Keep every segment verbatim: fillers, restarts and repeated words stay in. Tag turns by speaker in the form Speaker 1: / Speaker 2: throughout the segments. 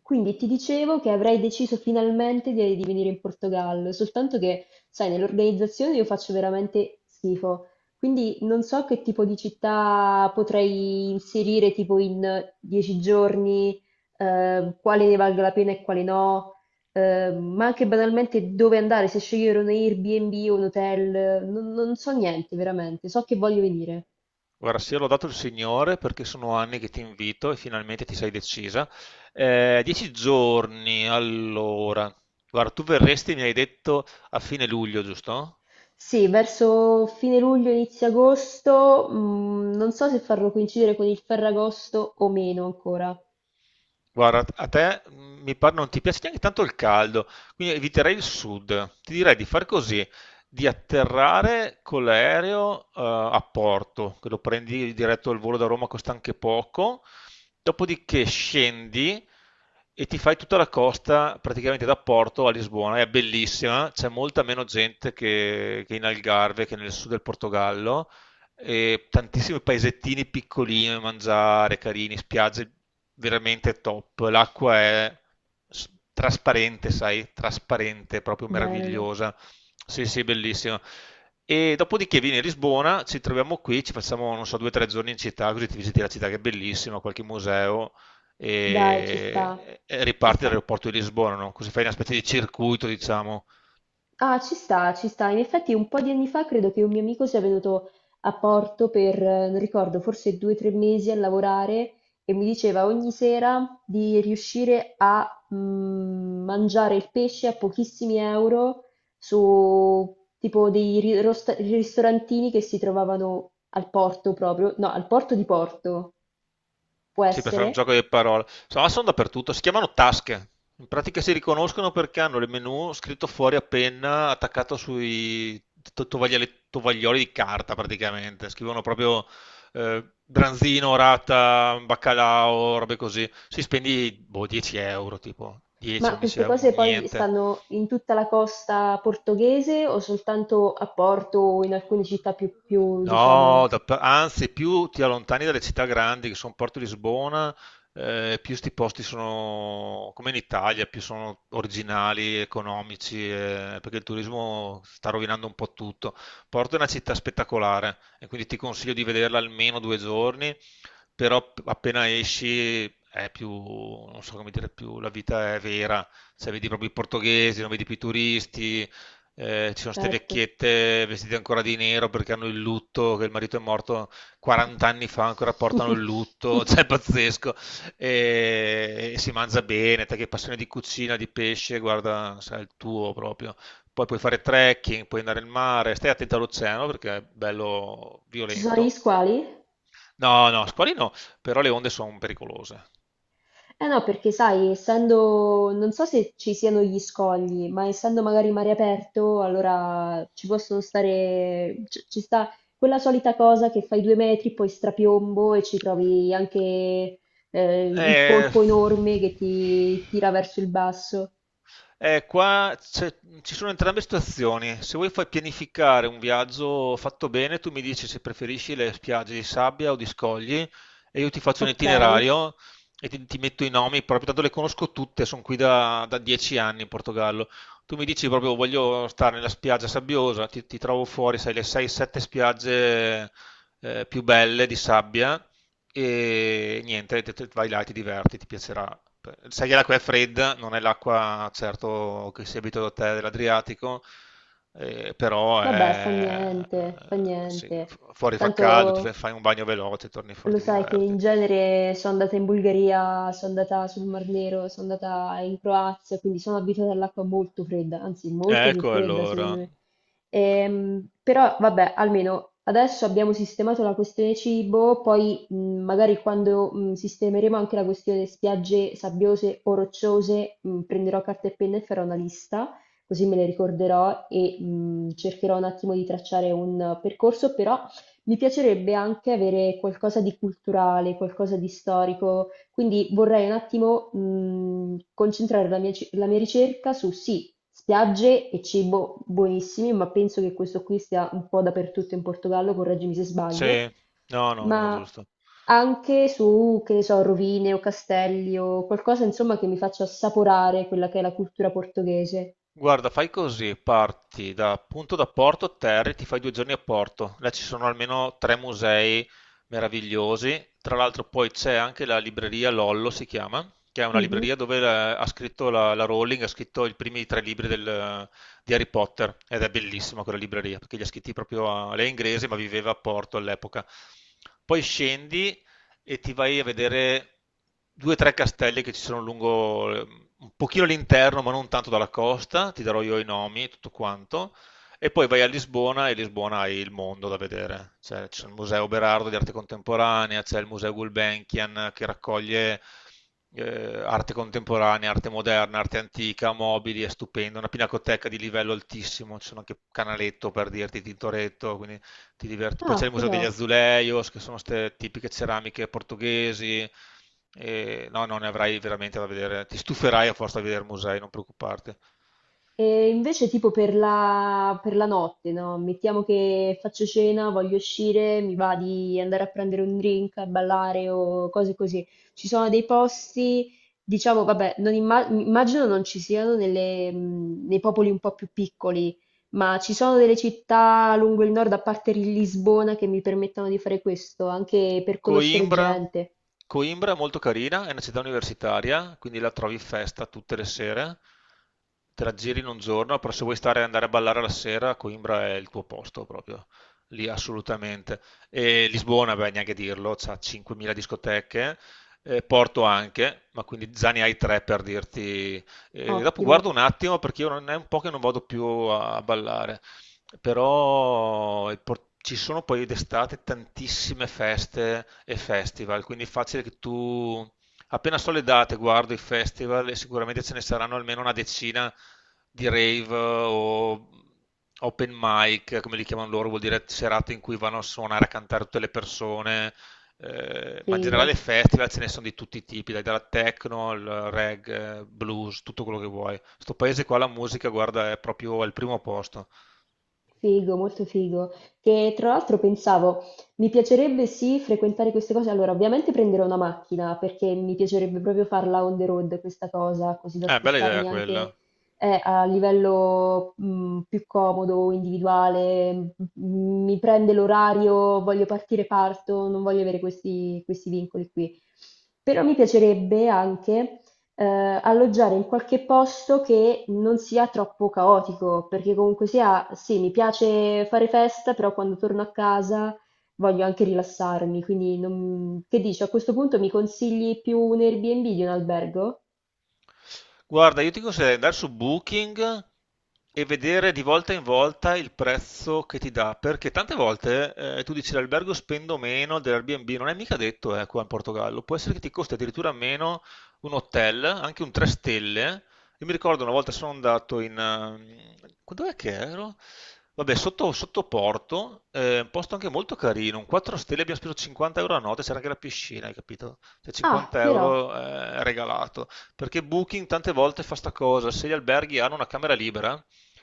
Speaker 1: Quindi ti dicevo che avrei deciso finalmente di, di venire in Portogallo, soltanto che, sai, nell'organizzazione io faccio veramente schifo. Quindi non so che tipo di città potrei inserire tipo in dieci giorni, eh, quale ne valga la pena e quale no, eh, ma anche banalmente dove andare, se scegliere un Airbnb o un hotel, non non so niente veramente, so che voglio venire.
Speaker 2: Guarda, sì, l'ho dato il Signore perché sono anni che ti invito e finalmente ti sei decisa. Eh, dieci giorni, allora. Guarda, tu verresti, mi hai detto, a fine luglio, giusto?
Speaker 1: Sì, verso fine luglio, inizio agosto, mm, non so se farlo coincidere con il Ferragosto o meno ancora.
Speaker 2: Guarda, a te mm, mi pare non ti piace neanche tanto il caldo, quindi eviterei il sud. Ti direi di fare così, di atterrare con l'aereo eh, a Porto, che lo prendi diretto al volo da Roma, costa anche poco, dopodiché scendi e ti fai tutta la costa praticamente da Porto a Lisbona, è bellissima, c'è molta meno gente che, che in Algarve, che nel sud del Portogallo, e tantissimi paesettini piccolini da mangiare, carini, spiagge veramente top. L'acqua è s- trasparente, sai, trasparente, proprio
Speaker 1: Bello.
Speaker 2: meravigliosa. Sì, sì, bellissimo. E dopodiché vieni a Lisbona, ci troviamo qui, ci facciamo, non so, due o tre giorni in città, così ti visiti la città che è bellissima, qualche museo
Speaker 1: Dai, ci sta,
Speaker 2: e, e
Speaker 1: ci
Speaker 2: riparti
Speaker 1: sta.
Speaker 2: dall'aeroporto di Lisbona, no? Così fai una specie di circuito, diciamo.
Speaker 1: Ah, ci sta, ci sta. In effetti un po' di anni fa credo che un mio amico sia venuto a Porto per, eh, non ricordo, forse due o tre mesi a lavorare e mi diceva ogni sera di riuscire a mm, mangiare il pesce a pochissimi euro su tipo dei ri- rosta- ristorantini che si trovavano al porto proprio, no, al porto di Porto, può
Speaker 2: Sì, per fare un
Speaker 1: essere.
Speaker 2: gioco di parole. Insomma, sono dappertutto. Si chiamano tasche. In pratica si riconoscono perché hanno il menu scritto fuori a penna, attaccato sui to- tovagliali- tovaglioli di carta praticamente. Scrivono proprio eh, branzino, rata, baccalao, robe così. Si spendi boh, dieci euro, tipo
Speaker 1: Ma
Speaker 2: dieci-11
Speaker 1: queste
Speaker 2: euro, un
Speaker 1: cose poi
Speaker 2: niente.
Speaker 1: stanno in tutta la costa portoghese o soltanto a Porto o in alcune città più, più,
Speaker 2: No,
Speaker 1: diciamo,
Speaker 2: da- anzi, più ti allontani dalle città grandi, che sono Porto Lisbona, eh, più sti posti sono, come in Italia, più sono originali, economici, eh, perché il turismo sta rovinando un po' tutto. Porto è una città spettacolare e quindi ti consiglio di vederla almeno due giorni, però p- appena esci è più, non so come dire, più la vita è vera, cioè vedi proprio i portoghesi, non vedi più i turisti, eh, ci sono ste
Speaker 1: certo.
Speaker 2: vecchiette vestite ancora di nero perché hanno il lutto, che il marito è morto quaranta anni fa, ancora portano il lutto, cioè è pazzesco. E, e si mangia bene, te che hai passione di cucina, di pesce, guarda, sai, il tuo proprio. Poi puoi fare trekking, puoi andare al mare, stai attento all'oceano perché è bello
Speaker 1: Ci sono gli
Speaker 2: violento.
Speaker 1: squali?
Speaker 2: No, no, squali no, però le onde sono pericolose.
Speaker 1: Eh no, perché sai, essendo, non so se ci siano gli scogli, ma essendo magari mare aperto, allora ci possono stare, c- ci sta quella solita cosa che fai due metri, poi strapiombo e ci trovi anche eh, il
Speaker 2: Eh,
Speaker 1: polpo enorme che ti tira verso il basso.
Speaker 2: Eh, qua c'è- ci sono entrambe situazioni. Se vuoi fai pianificare un viaggio fatto bene, tu mi dici se preferisci le spiagge di sabbia o di scogli e io ti faccio un
Speaker 1: Ok,
Speaker 2: itinerario e ti, ti metto i nomi, proprio tanto le conosco tutte, sono qui da, da dieci anni in Portogallo. Tu mi dici proprio voglio stare nella spiaggia sabbiosa, ti, ti trovo fuori, sai, le sei sette spiagge eh, più belle di sabbia e niente, te- te- vai là e ti diverti, ti piacerà. Sai che l'acqua è fredda, non è l'acqua certo che si è abituato a te dell'Adriatico, eh, però
Speaker 1: vabbè, fa
Speaker 2: è,
Speaker 1: niente, fa
Speaker 2: eh, sì,
Speaker 1: niente.
Speaker 2: fu- fuori fa
Speaker 1: Tanto
Speaker 2: caldo, ti fai fai un bagno veloce, torni fuori,
Speaker 1: lo
Speaker 2: ti
Speaker 1: sai che
Speaker 2: diverti.
Speaker 1: in genere sono andata in Bulgaria, sono andata sul Mar Nero, sono andata in Croazia, quindi sono abituata all'acqua molto fredda, anzi molto più
Speaker 2: Ecco
Speaker 1: fredda secondo
Speaker 2: allora.
Speaker 1: me. Ehm, però vabbè, almeno adesso abbiamo sistemato la questione cibo, poi mh, magari quando mh, sistemeremo anche la questione spiagge sabbiose o rocciose, mh, prenderò carta e penna e farò una lista, così me le ricorderò e mh, cercherò un attimo di tracciare un percorso, però mi piacerebbe anche avere qualcosa di culturale, qualcosa di storico, quindi vorrei un attimo mh, concentrare la mia, ci- la mia ricerca su sì, spiagge e cibo buonissimi, ma penso che questo qui sia un po' dappertutto in Portogallo, correggimi se sbaglio,
Speaker 2: Sì, no, no, no, è
Speaker 1: ma
Speaker 2: giusto.
Speaker 1: anche su, che ne so, rovine o castelli o qualcosa insomma che mi faccia assaporare quella che è la cultura portoghese.
Speaker 2: Guarda, fai così, parti da, appunto da Porto Terri, ti fai due giorni a Porto. Là ci sono almeno tre musei meravigliosi. Tra l'altro poi c'è anche la libreria Lollo, si chiama, che è una
Speaker 1: Mhm.
Speaker 2: libreria dove eh, ha scritto la, la Rowling, ha scritto i primi tre libri del- di Harry Potter. Ed è bellissima quella libreria, perché li ha scritti proprio a... Lei è inglese, ma viveva a Porto all'epoca. Poi scendi e ti vai a vedere due o tre castelli che ci sono lungo ehm, un pochino all'interno, ma non tanto dalla costa, ti darò io i nomi, e tutto quanto. E poi vai a Lisbona e Lisbona hai il mondo da vedere. Cioè, c'è il Museo Berardo di arte contemporanea, c'è il Museo Gulbenkian che raccoglie eh, arte contemporanea, arte moderna, arte antica, mobili, è stupendo, una pinacoteca di livello altissimo, ci sono anche Canaletto per dirti, Tintoretto, quindi ti diverti. Poi c'è
Speaker 1: Ah,
Speaker 2: il Museo
Speaker 1: però.
Speaker 2: degli Azuleios, che sono queste tipiche ceramiche portoghesi. E no, non ne avrai veramente da vedere. Ti stuferai a forza di vedere musei, non preoccuparti.
Speaker 1: E invece tipo per la, per la notte, no? Mettiamo che faccio cena, voglio uscire, mi va di andare a prendere un drink, a ballare o cose così. Ci sono dei posti, diciamo, vabbè, non imma- immagino non ci siano nelle, mh, nei popoli un po' più piccoli, ma ci sono delle città lungo il nord, a parte Lisbona, che mi permettono di fare questo, anche per conoscere
Speaker 2: Coimbra.
Speaker 1: gente.
Speaker 2: Coimbra è molto carina, è una città universitaria, quindi la trovi festa tutte le sere, te la giri in un giorno, però se vuoi stare e andare a ballare la sera, Coimbra è il tuo posto proprio, lì assolutamente. E Lisbona, beh, neanche dirlo, c'ha cinquemila discoteche, eh, Porto anche, ma quindi già ne hai tre per dirti. Eh, dopo guardo
Speaker 1: Ottimo,
Speaker 2: un attimo perché io non è un po' che non vado più a a ballare, però il por- ci sono poi d'estate tantissime feste e festival, quindi è facile che tu, appena so le date, guardo i festival e sicuramente ce ne saranno almeno una decina di rave o open mic, come li chiamano loro, vuol dire serate in cui vanno a suonare, a cantare tutte le persone. Eh, ma in
Speaker 1: figo.
Speaker 2: generale festival ce ne sono di tutti i tipi, dai, dalla techno al reggae, blues, tutto quello che vuoi. Sto paese qua la musica, guarda, è proprio al primo posto.
Speaker 1: Figo, molto figo. Che tra l'altro pensavo, mi piacerebbe sì frequentare queste cose. Allora, ovviamente prenderò una macchina perché mi piacerebbe proprio farla on the road questa cosa, così da
Speaker 2: Eh, bella idea
Speaker 1: spostarmi
Speaker 2: quella.
Speaker 1: anche eh, a livello mh, più comodo, individuale. M- Mi prende l'orario, voglio partire, parto, non voglio avere questi, questi vincoli qui. Però mi piacerebbe anche eh, alloggiare in qualche posto che non sia troppo caotico, perché comunque sia, sì, mi piace fare festa, però quando torno a casa voglio anche rilassarmi, quindi non- che dici, a questo punto mi consigli più un Airbnb di un albergo?
Speaker 2: Guarda, io ti consiglierei di andare su Booking e vedere di volta in volta il prezzo che ti dà, perché tante volte eh, tu dici l'albergo spendo meno dell'Airbnb, non è mica detto eh, qua in Portogallo, può essere che ti costi addirittura meno un hotel, anche un tre stelle. Io mi ricordo una volta sono andato in... quando è che ero? Vabbè, sotto, sotto Porto, eh, un posto anche molto carino, un quattro stelle, abbiamo speso cinquanta euro a notte, c'era anche la piscina, hai capito? Cioè
Speaker 1: Ah,
Speaker 2: 50
Speaker 1: però,
Speaker 2: euro eh, regalato, perché Booking tante volte fa sta cosa, se gli alberghi hanno una camera libera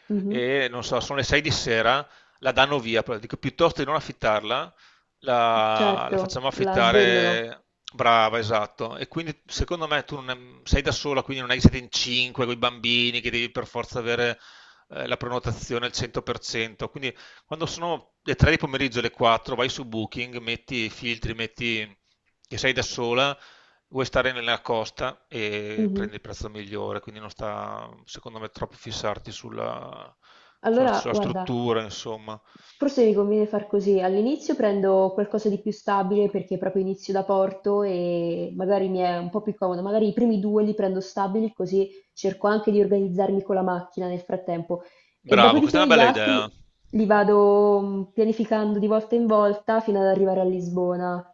Speaker 1: mhm,
Speaker 2: e non so, sono le sei di sera, la danno via, dico, piuttosto di non affittarla, la, la
Speaker 1: certo,
Speaker 2: facciamo
Speaker 1: la svendono.
Speaker 2: affittare, brava, esatto. E quindi secondo me tu non è- sei da sola, quindi non è che siete in cinque con i bambini che devi per forza avere eh, la prenotazione al cento per cento. Quindi quando sono le tre di pomeriggio, le quattro, vai su Booking, metti i filtri, metti che sei da sola, vuoi stare nella costa e
Speaker 1: Mhm.
Speaker 2: prendi il prezzo migliore, quindi non sta, secondo me, troppo fissarti sulla, sulla-
Speaker 1: Allora,
Speaker 2: sulla
Speaker 1: guarda.
Speaker 2: struttura, insomma.
Speaker 1: Forse mi conviene far così, all'inizio prendo qualcosa di più stabile perché proprio inizio da porto e magari mi è un po' più comodo, magari i primi due li prendo stabili così cerco anche di organizzarmi con la macchina nel frattempo e
Speaker 2: Bravo, questa è
Speaker 1: dopodiché
Speaker 2: una
Speaker 1: gli
Speaker 2: bella idea.
Speaker 1: altri li vado mm, pianificando di volta in volta fino ad arrivare a Lisbona.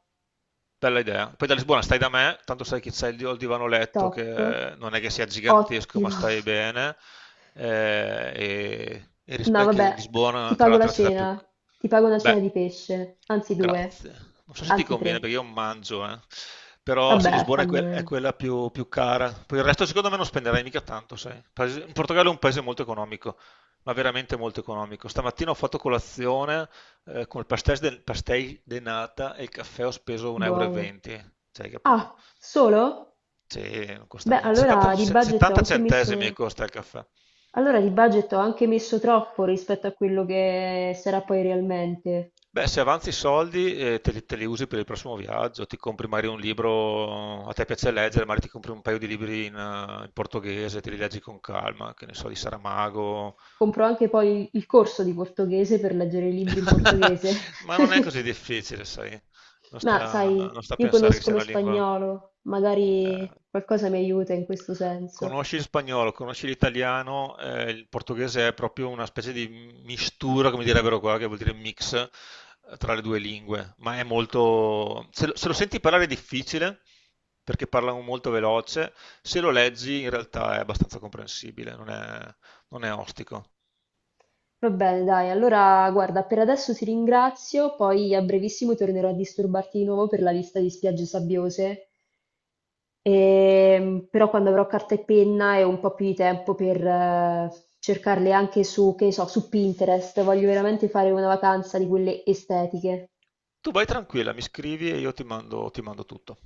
Speaker 2: Bella idea. Poi da Lisbona stai da me, tanto sai che c'è il, il divano letto
Speaker 1: Top,
Speaker 2: che non è che sia gigantesco, ma
Speaker 1: ottimo.
Speaker 2: stai bene. eh, e e
Speaker 1: No,
Speaker 2: rispecchia
Speaker 1: vabbè,
Speaker 2: Lisbona,
Speaker 1: ti
Speaker 2: tra
Speaker 1: pago la
Speaker 2: l'altro, è la città più.
Speaker 1: cena, ti pago una cena
Speaker 2: Beh,
Speaker 1: di pesce, anzi due,
Speaker 2: grazie. Non so se ti
Speaker 1: anzi
Speaker 2: conviene perché
Speaker 1: tre.
Speaker 2: io non mangio, eh. Però sì,
Speaker 1: Vabbè, fa
Speaker 2: Lisbona è, que- è
Speaker 1: niente,
Speaker 2: quella più, più cara. Poi il resto secondo me non spenderai mica tanto, sai. Paese- in Portogallo è un paese molto economico, ma veramente molto economico. Stamattina ho fatto colazione eh, con il pastéis de, pastéis de nata e il caffè ho speso 1,20
Speaker 1: buono.
Speaker 2: euro. E venti. Cioè, hai capito?
Speaker 1: Ah, solo?
Speaker 2: Cioè, non costa
Speaker 1: Beh,
Speaker 2: niente. settanta,
Speaker 1: allora di
Speaker 2: se-
Speaker 1: budget ho
Speaker 2: settanta
Speaker 1: anche
Speaker 2: centesimi
Speaker 1: messo,
Speaker 2: costa il caffè.
Speaker 1: allora di budget ho anche messo troppo rispetto a quello che sarà poi realmente.
Speaker 2: Beh, se avanzi i soldi, eh, te li, te li usi per il prossimo viaggio, ti compri magari un libro, a te piace leggere, magari ti compri un paio di libri in, eh, in portoghese, te li leggi con calma, che ne so, di Saramago,
Speaker 1: Compro anche poi il corso di portoghese per leggere i libri in portoghese.
Speaker 2: ma non è così difficile, sai, non
Speaker 1: Ma
Speaker 2: sta,
Speaker 1: sai,
Speaker 2: non sta a
Speaker 1: io
Speaker 2: pensare che
Speaker 1: conosco
Speaker 2: sia
Speaker 1: lo
Speaker 2: una lingua...
Speaker 1: spagnolo,
Speaker 2: eh,
Speaker 1: magari qualcosa mi aiuta in questo senso.
Speaker 2: Conosci il spagnolo, conosci l'italiano, eh, il portoghese è proprio una specie di mistura, come direbbero qua, che vuol dire mix eh, tra le due lingue, ma è molto... Se lo, se lo senti parlare è difficile, perché parlano molto veloce, se lo leggi in realtà è abbastanza comprensibile, non è, non è ostico.
Speaker 1: Va bene, dai, allora guarda, per adesso ti ringrazio, poi a brevissimo tornerò a disturbarti di nuovo per la lista di spiagge sabbiose. Ehm, però quando avrò carta e penna e un po' più di tempo per eh, cercarle anche su, che ne so, su Pinterest, voglio veramente fare una vacanza di quelle estetiche.
Speaker 2: Tu vai tranquilla, mi scrivi e io ti mando ti mando tutto.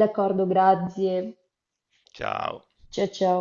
Speaker 1: D'accordo, grazie.
Speaker 2: Ciao.
Speaker 1: Ciao ciao.